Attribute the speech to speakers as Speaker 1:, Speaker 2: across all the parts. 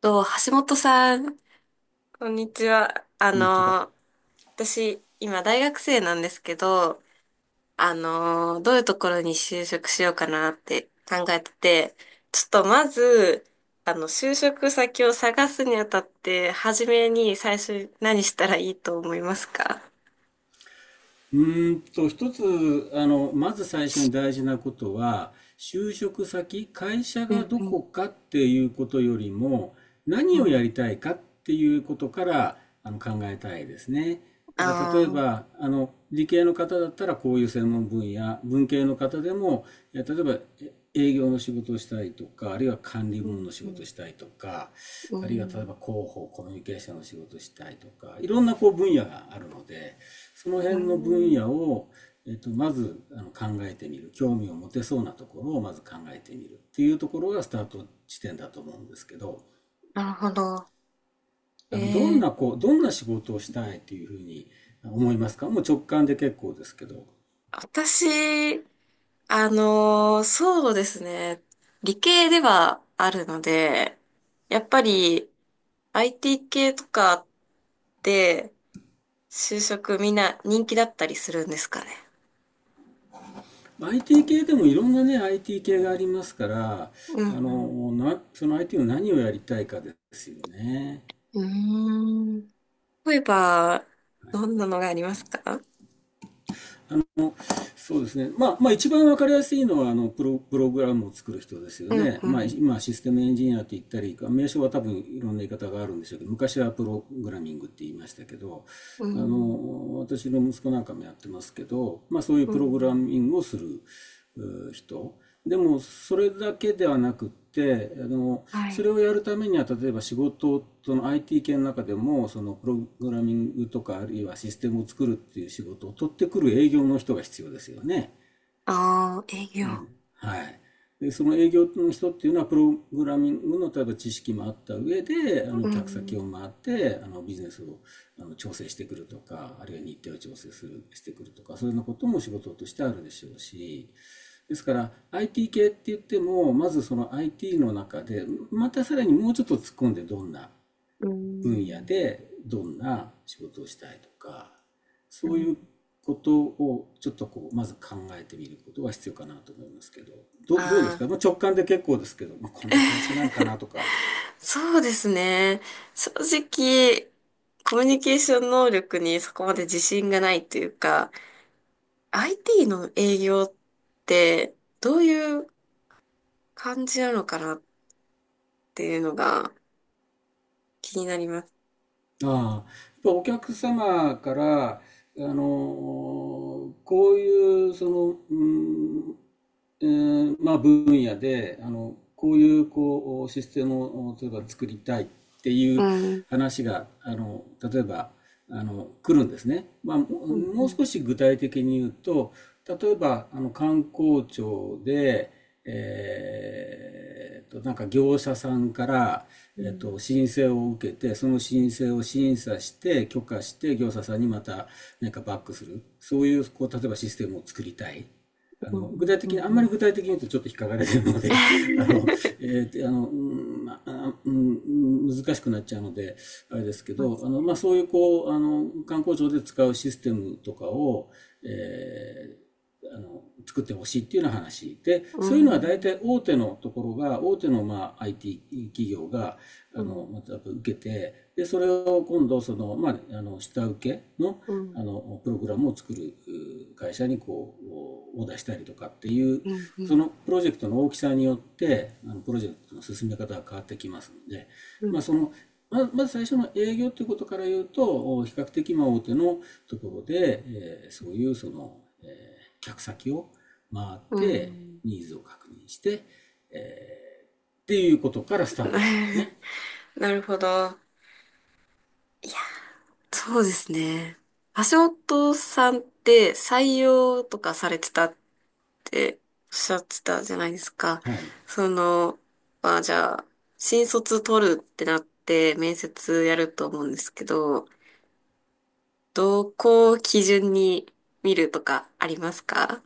Speaker 1: と、橋本さん、こんにちは。
Speaker 2: こんにちは。
Speaker 1: 私、今大学生なんですけど、どういうところに就職しようかなって考えてて、ちょっとまず、就職先を探すにあたって、初めに最初に何したらいいと思いますか？
Speaker 2: 一つ、まず最初に大事なことは、就職先、会社
Speaker 1: う
Speaker 2: が
Speaker 1: ん
Speaker 2: ど
Speaker 1: う
Speaker 2: こ
Speaker 1: ん
Speaker 2: かっていうことよりも、
Speaker 1: う
Speaker 2: 何をや
Speaker 1: ん。
Speaker 2: りたいかっていうことから考えたいですね。だから例え
Speaker 1: ああ。
Speaker 2: ば、理系の方だったらこういう専門分野、文系の方でも、例えば、営業の仕事をしたりとか、あるいは管理
Speaker 1: う
Speaker 2: 部門
Speaker 1: ん
Speaker 2: の仕
Speaker 1: う
Speaker 2: 事を
Speaker 1: ん
Speaker 2: したりとか、
Speaker 1: う
Speaker 2: あるいは例え
Speaker 1: ん、
Speaker 2: ば広報、コミュニケーションの仕事をしたりとか、いろんなこう分野があるので、その
Speaker 1: う
Speaker 2: 辺の分
Speaker 1: ん、
Speaker 2: 野を、まず考えてみる、興味を持てそうなところをまず考えてみるっていうところがスタート地点だと思うんですけど、
Speaker 1: なるほど。え
Speaker 2: どん
Speaker 1: え、
Speaker 2: なこうどんな仕事をしたいっていうふうに思いますか？もう直感で結構ですけど。
Speaker 1: 私そうですね。理系ではあるので、やっぱり IT 系とかって就職みんな人気だったりするんですかね。
Speaker 2: IT 系でもいろんなね、IT 系がありますから、
Speaker 1: うん
Speaker 2: その IT の何をやりたいかですよね。
Speaker 1: うん。うーん。例えば、どんなのがありますか？
Speaker 2: もそうですね。まあ一番わかりやすいのは、プログラムを作る人ですよ
Speaker 1: うん
Speaker 2: ね。
Speaker 1: う
Speaker 2: まあ、
Speaker 1: ん。
Speaker 2: 今、システムエンジニアって言ったり、名称は多分いろんな言い方があるんでしょうけど、昔はプログラミングって言いましたけど、
Speaker 1: うん。
Speaker 2: 私の息子なんかもやってますけど、まあそういう
Speaker 1: う
Speaker 2: プログラ
Speaker 1: ん。
Speaker 2: ミングをする人。でもそれだけではなくって
Speaker 1: は
Speaker 2: そ
Speaker 1: い。
Speaker 2: れをやるためには例えば仕事その IT 系の中でもそのプログラミングとかあるいはシステムを作るっていう仕事を取ってくる営業の人が必要ですよね。
Speaker 1: ああ、営業。
Speaker 2: はい。で、その営業の人っていうのは、プログラミングの例えば知識もあった上で、
Speaker 1: う
Speaker 2: 客先を
Speaker 1: ん。
Speaker 2: 回って、ビジネスを調整してくるとか、あるいは日程を調整する、してくるとか、そういうようなことも仕事としてあるでしょうし、ですから IT 系って言っても、まずその IT の中で、またさらにもうちょっと突っ込んでどんな
Speaker 1: う
Speaker 2: 分野
Speaker 1: ん。
Speaker 2: でどんな仕事をしたいとかそういうことをちょっとこうまず考えてみることが必要かなと思いますけどどうですか？
Speaker 1: あ、
Speaker 2: まあ、直感で結構ですけど、まあ、こんな感じになるかなとか。
Speaker 1: そうですね。正直、コミュニケーション能力にそこまで自信がないというか、IT の営業ってどういう感じなのかなっていうのが気になります。
Speaker 2: ああ、やっぱお客様から、あの、こういう、その、うん、えーまあ、分野で、あの、こういう、こう、システムを、例えば作りたいってい
Speaker 1: う
Speaker 2: う
Speaker 1: ん。
Speaker 2: 話が、例えば、来るんですね。まあ、
Speaker 1: うん。う
Speaker 2: もう
Speaker 1: ん。
Speaker 2: 少し具体的に言うと、例えば、観光庁で、なんか業者さんから、
Speaker 1: うん。
Speaker 2: 申請を受けて、その申請を審査して、許可して、業者さんにまたなんかバックする。そういう、こう、例えばシステムを作りたい。
Speaker 1: う
Speaker 2: 具
Speaker 1: ん。
Speaker 2: 体
Speaker 1: う
Speaker 2: 的に、
Speaker 1: ん。
Speaker 2: あんま
Speaker 1: う
Speaker 2: り
Speaker 1: ん。
Speaker 2: 具体的に言うとちょっと引っかかれてるので あ の、えーあの、うんまあうん難しくなっちゃうので、あれですけ
Speaker 1: そうで
Speaker 2: ど、
Speaker 1: す
Speaker 2: まあ、
Speaker 1: ね。
Speaker 2: そういうこう、観光庁で使うシステムとかを、え作ってほしいっていうような話。で、
Speaker 1: う
Speaker 2: そういうのは大体
Speaker 1: ん。
Speaker 2: 大手のまあ IT 企業が、
Speaker 1: うん。
Speaker 2: また受けて、で、それを今度、その、まあ、下請けの、
Speaker 1: う
Speaker 2: あ
Speaker 1: ん。
Speaker 2: のプログラムを作る会社にこうを出したりとかっていう
Speaker 1: うん。う
Speaker 2: そ
Speaker 1: ん。
Speaker 2: のプロジェクトの大きさによってプロジェクトの進め方が変わってきますので、
Speaker 1: うん。
Speaker 2: まあ、まず最初の営業ということから言うと比較的まあ大手のところで、そういうその、客先を回っ
Speaker 1: う
Speaker 2: て
Speaker 1: ん。
Speaker 2: ニーズを確認して、っていうことからスタートでしょう ね。
Speaker 1: なるほど。そうですね。橋本さんって採用とかされてたっておっしゃってたじゃないですか。
Speaker 2: はい。
Speaker 1: その、まあじゃあ、新卒取るってなって面接やると思うんですけど、どこを基準に見るとかありますか？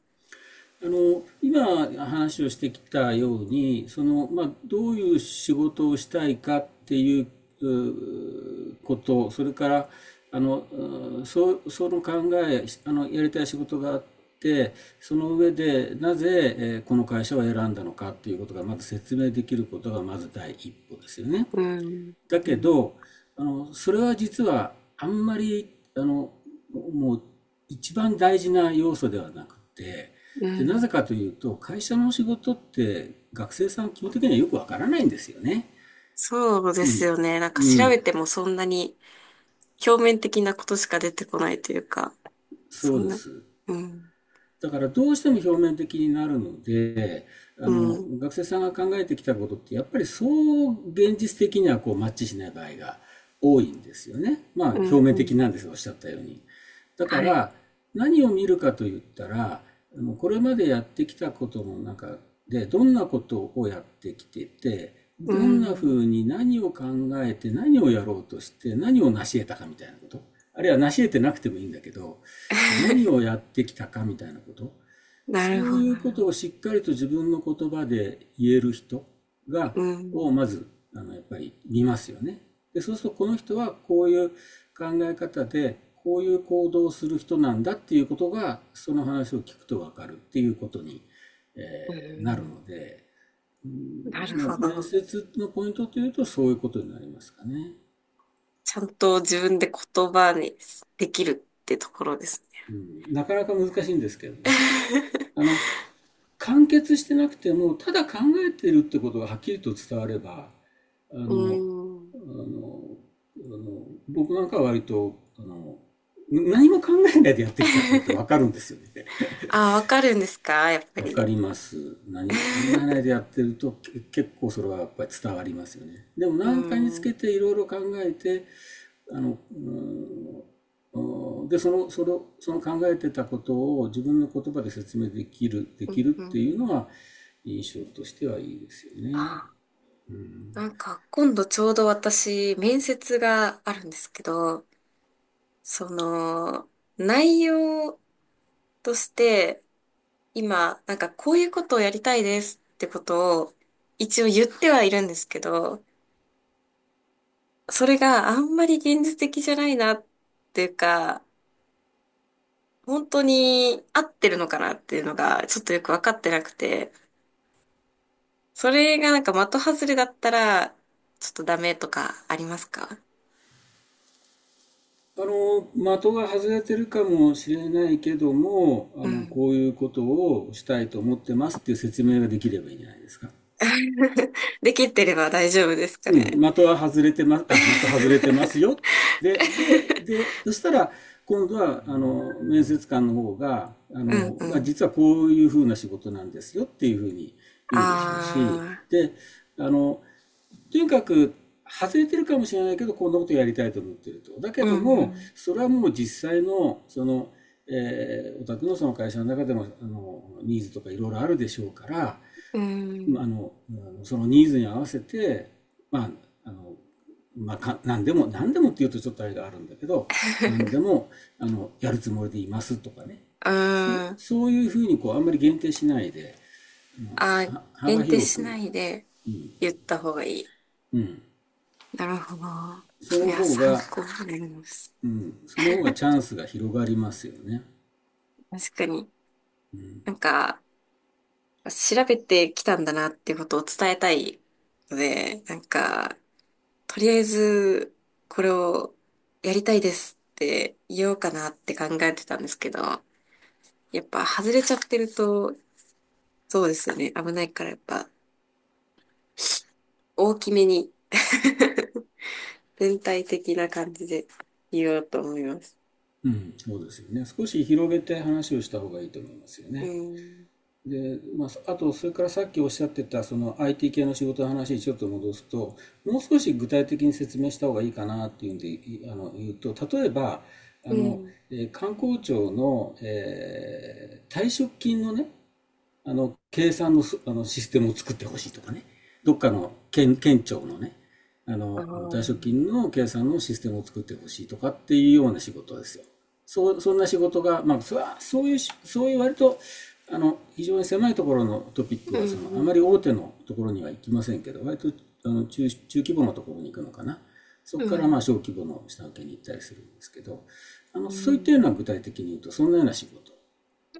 Speaker 2: 今話をしてきたようにその、まあ、どういう仕事をしたいかっていうことそれからあのうそその考えあのやりたい仕事があってその上でなぜ、この会社を選んだのかっていうことがまず説明できることがまず第一歩ですよね。
Speaker 1: うん、
Speaker 2: だ
Speaker 1: う
Speaker 2: け
Speaker 1: ん、
Speaker 2: ど、それは実はあんまり、もう一番大事な要素ではなくて、
Speaker 1: う
Speaker 2: で、なぜ
Speaker 1: ん。
Speaker 2: かというと、会社の仕事って学生さん基本的にはよくわからないんですよね。
Speaker 1: そうで
Speaker 2: う
Speaker 1: す
Speaker 2: ん、
Speaker 1: よね。なんか
Speaker 2: う
Speaker 1: 調べ
Speaker 2: ん、
Speaker 1: てもそんなに表面的なことしか出てこないというか、
Speaker 2: そ
Speaker 1: そ
Speaker 2: う
Speaker 1: ん
Speaker 2: で
Speaker 1: な、
Speaker 2: す。
Speaker 1: うん、
Speaker 2: だからどうしても表面的になるので、
Speaker 1: うん。
Speaker 2: 学生さんが考えてきたことって、やっぱりそう現実的にはこうマッチしない場合が多いんですよね。まあ、
Speaker 1: う
Speaker 2: 表
Speaker 1: ん
Speaker 2: 面
Speaker 1: う
Speaker 2: 的
Speaker 1: ん。
Speaker 2: なんです、おっしゃったように。だか
Speaker 1: はい。
Speaker 2: ら、何を見るかと言ったら、これまでやってきたことの中で、どんなことをやってきてて、
Speaker 1: う
Speaker 2: どんな
Speaker 1: ん。
Speaker 2: 風に何を考えて何をやろうとして何を成し得たかみたいなこと。あるいは成し得てなくてもいいんだけど、何をやっ てきたかみたいなこと。
Speaker 1: なる
Speaker 2: そ
Speaker 1: ほ
Speaker 2: う
Speaker 1: ど。
Speaker 2: いうことをしっかりと自分の言葉で言える人が
Speaker 1: う
Speaker 2: を
Speaker 1: ん。
Speaker 2: まずやっぱり見ますよね。でそうするとこの人はこういう考え方でこういう行動をする人なんだっていうことがその話を聞くと分かるっていうことに、え
Speaker 1: う
Speaker 2: なるの
Speaker 1: ん。
Speaker 2: で、
Speaker 1: なるほ
Speaker 2: 面
Speaker 1: ど。
Speaker 2: 接のポイントというとそういうことになりますかね。
Speaker 1: ちゃんと自分で言葉にできるってところですね。
Speaker 2: うん、なかなか難しいんですけどね。あ の完結してなくても、ただ考えてるってことがはっきりと伝われば、あ
Speaker 1: う
Speaker 2: の、
Speaker 1: ん。
Speaker 2: あの、あの僕なんかは割と、何も考えないでやってきたって分かるん ですよね。
Speaker 1: あ、わかるんですかやっぱ
Speaker 2: わか
Speaker 1: り。
Speaker 2: ります。何も考えない でやってると結構それはやっぱり伝わりますよね。でも
Speaker 1: う
Speaker 2: 何かにつ
Speaker 1: ん。うん
Speaker 2: けていろいろ考えて、あの、うんで、その、それを、その考えてたことを自分の言葉で説明できる、で
Speaker 1: う
Speaker 2: きる
Speaker 1: ん
Speaker 2: っ
Speaker 1: う
Speaker 2: ていうの
Speaker 1: ん。
Speaker 2: は印象としてはいいですよね。
Speaker 1: あ、なんか今度ちょうど私、面接があるんですけど、その、内容として、今、なんかこういうことをやりたいですってことを一応言ってはいるんですけど、それがあんまり現実的じゃないなっていうか、本当に合ってるのかなっていうのがちょっとよくわかってなくて、それがなんか的外れだったらちょっとダメとかありますか？
Speaker 2: 的が外れてるかもしれないけども、
Speaker 1: うん。
Speaker 2: こういうことをしたいと思ってますっていう説明ができればいいんじゃないですか。
Speaker 1: できてれば大丈夫ですか
Speaker 2: うん、
Speaker 1: ね。
Speaker 2: 的は外れてます、あ、的外れてま すよ。で、そしたら、今度は、面接官の方が、あ
Speaker 1: う
Speaker 2: の、
Speaker 1: んう
Speaker 2: が
Speaker 1: ん。
Speaker 2: 実はこういうふうな仕事なんですよっていうふうに言うでしょうし、
Speaker 1: ああ、
Speaker 2: で、あの、とにかく、外れてるかもしれないけど、こんなことやりたいと思ってると。だけ
Speaker 1: う
Speaker 2: ども、
Speaker 1: ん
Speaker 2: それはもう実際の、その、お宅のその会社の中でも、ニーズとかいろいろあるでしょうから、
Speaker 1: うん。う
Speaker 2: あ
Speaker 1: ん。
Speaker 2: の、そのニーズに合わせて、まあ、あの、何でも、何でもっていうとちょっとあれがあるんだけど、何で も、やるつもりでいますとかね。
Speaker 1: うーん。
Speaker 2: そういうふうにこう、あんまり限定しないで、
Speaker 1: あ、
Speaker 2: 幅
Speaker 1: 限定
Speaker 2: 広
Speaker 1: し
Speaker 2: く、
Speaker 1: ないで言った方がいい。
Speaker 2: うん、
Speaker 1: なるほど。
Speaker 2: その
Speaker 1: いや、
Speaker 2: 方
Speaker 1: 参
Speaker 2: が、
Speaker 1: 考になります。
Speaker 2: うん、その方がチャンスが広がりますよね。
Speaker 1: 確かに。なんか、調べてきたんだなっていうことを伝えたいので、なんか、とりあえず、これをやりたいですって言おうかなって考えてたんですけど、やっぱ外れちゃってると、そうですよね。危ないからやっぱ、大きめに 全体的な感じで言おうと思います。
Speaker 2: うん、そうですよね。少し広げて話をした方がいいと思いますよ
Speaker 1: う
Speaker 2: ね。
Speaker 1: ん。
Speaker 2: で、まあ、あと、それからさっきおっしゃってた、その IT 系の仕事の話にちょっと戻すと、もう少し具体的に説明した方がいいかなっていうんで、いあの、言うと、例えば、
Speaker 1: う
Speaker 2: あの、
Speaker 1: ん。
Speaker 2: 観光庁の、退職金のね、計算のす、あの、システムを作ってほしいとかね。どっかの県、県庁のね、
Speaker 1: ああ。う
Speaker 2: 退職
Speaker 1: ん
Speaker 2: 金の計算のシステムを作ってほしいとかっていうような仕事ですよ。そう、そんな仕事が、まあ、それは、そういう割と、非常に狭いところのトピック
Speaker 1: う
Speaker 2: は、その、あ
Speaker 1: ん
Speaker 2: まり
Speaker 1: う
Speaker 2: 大
Speaker 1: ん。
Speaker 2: 手のところには行きませんけど、割と、中規模のところに行くのかな。そ
Speaker 1: う
Speaker 2: こから、まあ、
Speaker 1: ん。
Speaker 2: 小規模の下請けに行ったりするんですけど、
Speaker 1: う
Speaker 2: そういったような
Speaker 1: ん。
Speaker 2: 具体的に言うと、そんなような仕事。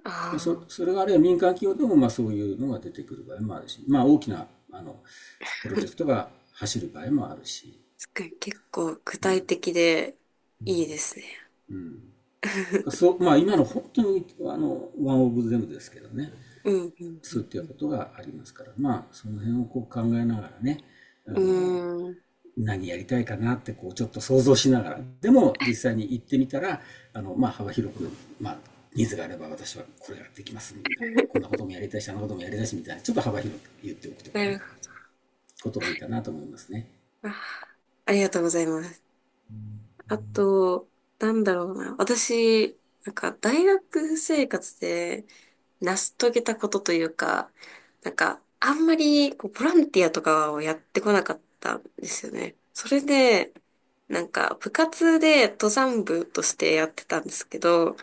Speaker 1: あ
Speaker 2: まあ、そ
Speaker 1: あ。
Speaker 2: それがあるいは民間企業でもまあそういうのが出てくる場合もあるし、まあ、大きなあのプロジェクト が走る場合もあるし、
Speaker 1: すごい結構具体的でいいですね。
Speaker 2: だからそ うまあ、今の本当にワンオブゼムですけどね、
Speaker 1: うんうんう
Speaker 2: そうい
Speaker 1: ん
Speaker 2: った
Speaker 1: う
Speaker 2: ことがありますから、まあ、その辺をこう考えながらね、あ
Speaker 1: ん。
Speaker 2: の
Speaker 1: うーん。
Speaker 2: 何やりたいかなってこうちょっと想像しながら、でも実際に行ってみたら、まあ、幅広く、まあ、ニーズがあれば私はこれができますみたいな、こんなこともやりたいし、あんなこともやりたいしみたいな、ちょっと幅広く言っておくと
Speaker 1: な
Speaker 2: かね。
Speaker 1: るほ
Speaker 2: ことがいいかなと思いますね。
Speaker 1: ど。あー、ありがとうございます。あと、なんだろうな。私、なんか大学生活で成し遂げたことというか、なんかあんまりこうボランティアとかをやってこなかったんですよね。それで、なんか部活で登山部としてやってたんですけど、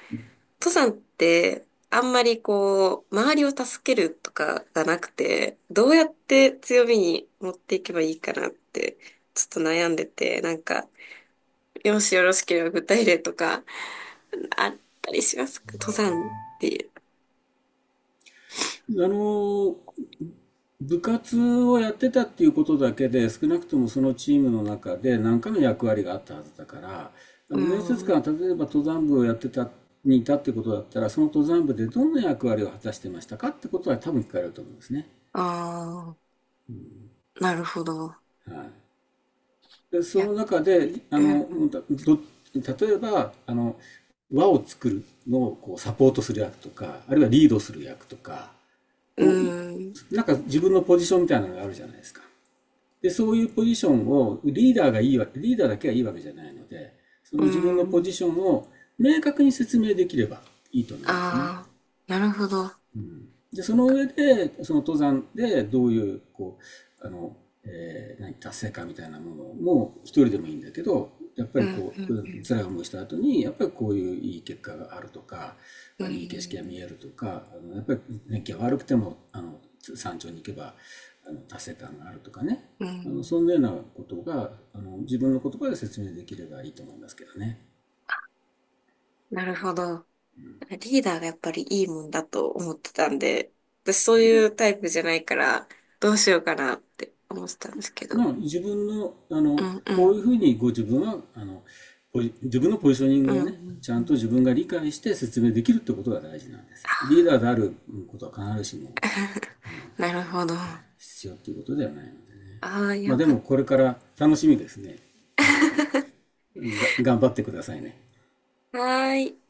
Speaker 1: 登山ってあんまりこう、周りを助けるとかがなくて、どうやって強みに持っていけばいいかなって、ちょっと悩んでて、なんか、もしよろしければ具体例とか、あったりしますか登山ってい
Speaker 2: あの、部活をやってたっていうことだけで、少なくともそのチームの中で何かの役割があったはずだから、
Speaker 1: う。
Speaker 2: 面接
Speaker 1: うん。
Speaker 2: 官は例えば登山部をやってた、にいたってことだったら、その登山部でどんな役割を果たしてましたかってことは多分聞かれると思うんですね。
Speaker 1: ああ、なるほど。
Speaker 2: はい。で、
Speaker 1: い
Speaker 2: そ
Speaker 1: や、
Speaker 2: の中で、
Speaker 1: うん。
Speaker 2: ど、例えば、輪を作るのをこうサポートする役とか、あるいはリードする役とか、
Speaker 1: う
Speaker 2: こ
Speaker 1: ん。
Speaker 2: う、なんか自分のポジションみたいなのがあるじゃないですか。で、そういうポジションをリーダーだけがいいわけじゃないので、その
Speaker 1: う
Speaker 2: 自分のポ
Speaker 1: ん。
Speaker 2: ジションを明確に説明できればいいと思いますね。
Speaker 1: ああ、なるほど。
Speaker 2: うん、で、その
Speaker 1: か
Speaker 2: 上で、その登山でどういう、う、あの、達成感みたいなものも一人でもいいんだけど、やっぱ
Speaker 1: う
Speaker 2: り
Speaker 1: ん、
Speaker 2: こ
Speaker 1: う
Speaker 2: う、
Speaker 1: ん、
Speaker 2: う
Speaker 1: う
Speaker 2: ん
Speaker 1: ん。
Speaker 2: 辛い思いした後に、やっぱりこういういい結果があるとか、
Speaker 1: う
Speaker 2: あいい景色が見
Speaker 1: ん。
Speaker 2: えるとか、あのやっぱり天気が悪くても、山頂に行けば、達成感があるとかね。
Speaker 1: う
Speaker 2: そ
Speaker 1: ん。
Speaker 2: んなようなことが、自分の言葉で説明できればいいと思いますけどね。
Speaker 1: なるほど。リーダーがやっぱりいいもんだと思ってたんで、私そういうタイプじゃないから、どうしようかなって思ってたんですけど。
Speaker 2: まあ、自分の、
Speaker 1: うん、う
Speaker 2: こう
Speaker 1: ん。
Speaker 2: いうふうにご自分は、自分のポジショニン
Speaker 1: う
Speaker 2: グ
Speaker 1: ん、
Speaker 2: をね、
Speaker 1: うん、
Speaker 2: ちゃ
Speaker 1: う
Speaker 2: んと
Speaker 1: ん。
Speaker 2: 自分が理解して説明できるってことが大事なんで
Speaker 1: あ
Speaker 2: す。リーダー
Speaker 1: ー。
Speaker 2: であることは必ずしも、はい、
Speaker 1: なるほど。あ
Speaker 2: 必要っていうことではないのでね。
Speaker 1: あ、
Speaker 2: まあ
Speaker 1: よ
Speaker 2: で
Speaker 1: か
Speaker 2: も
Speaker 1: っ
Speaker 2: これから楽しみですね。あの、頑張ってくださいね。
Speaker 1: た。はーい。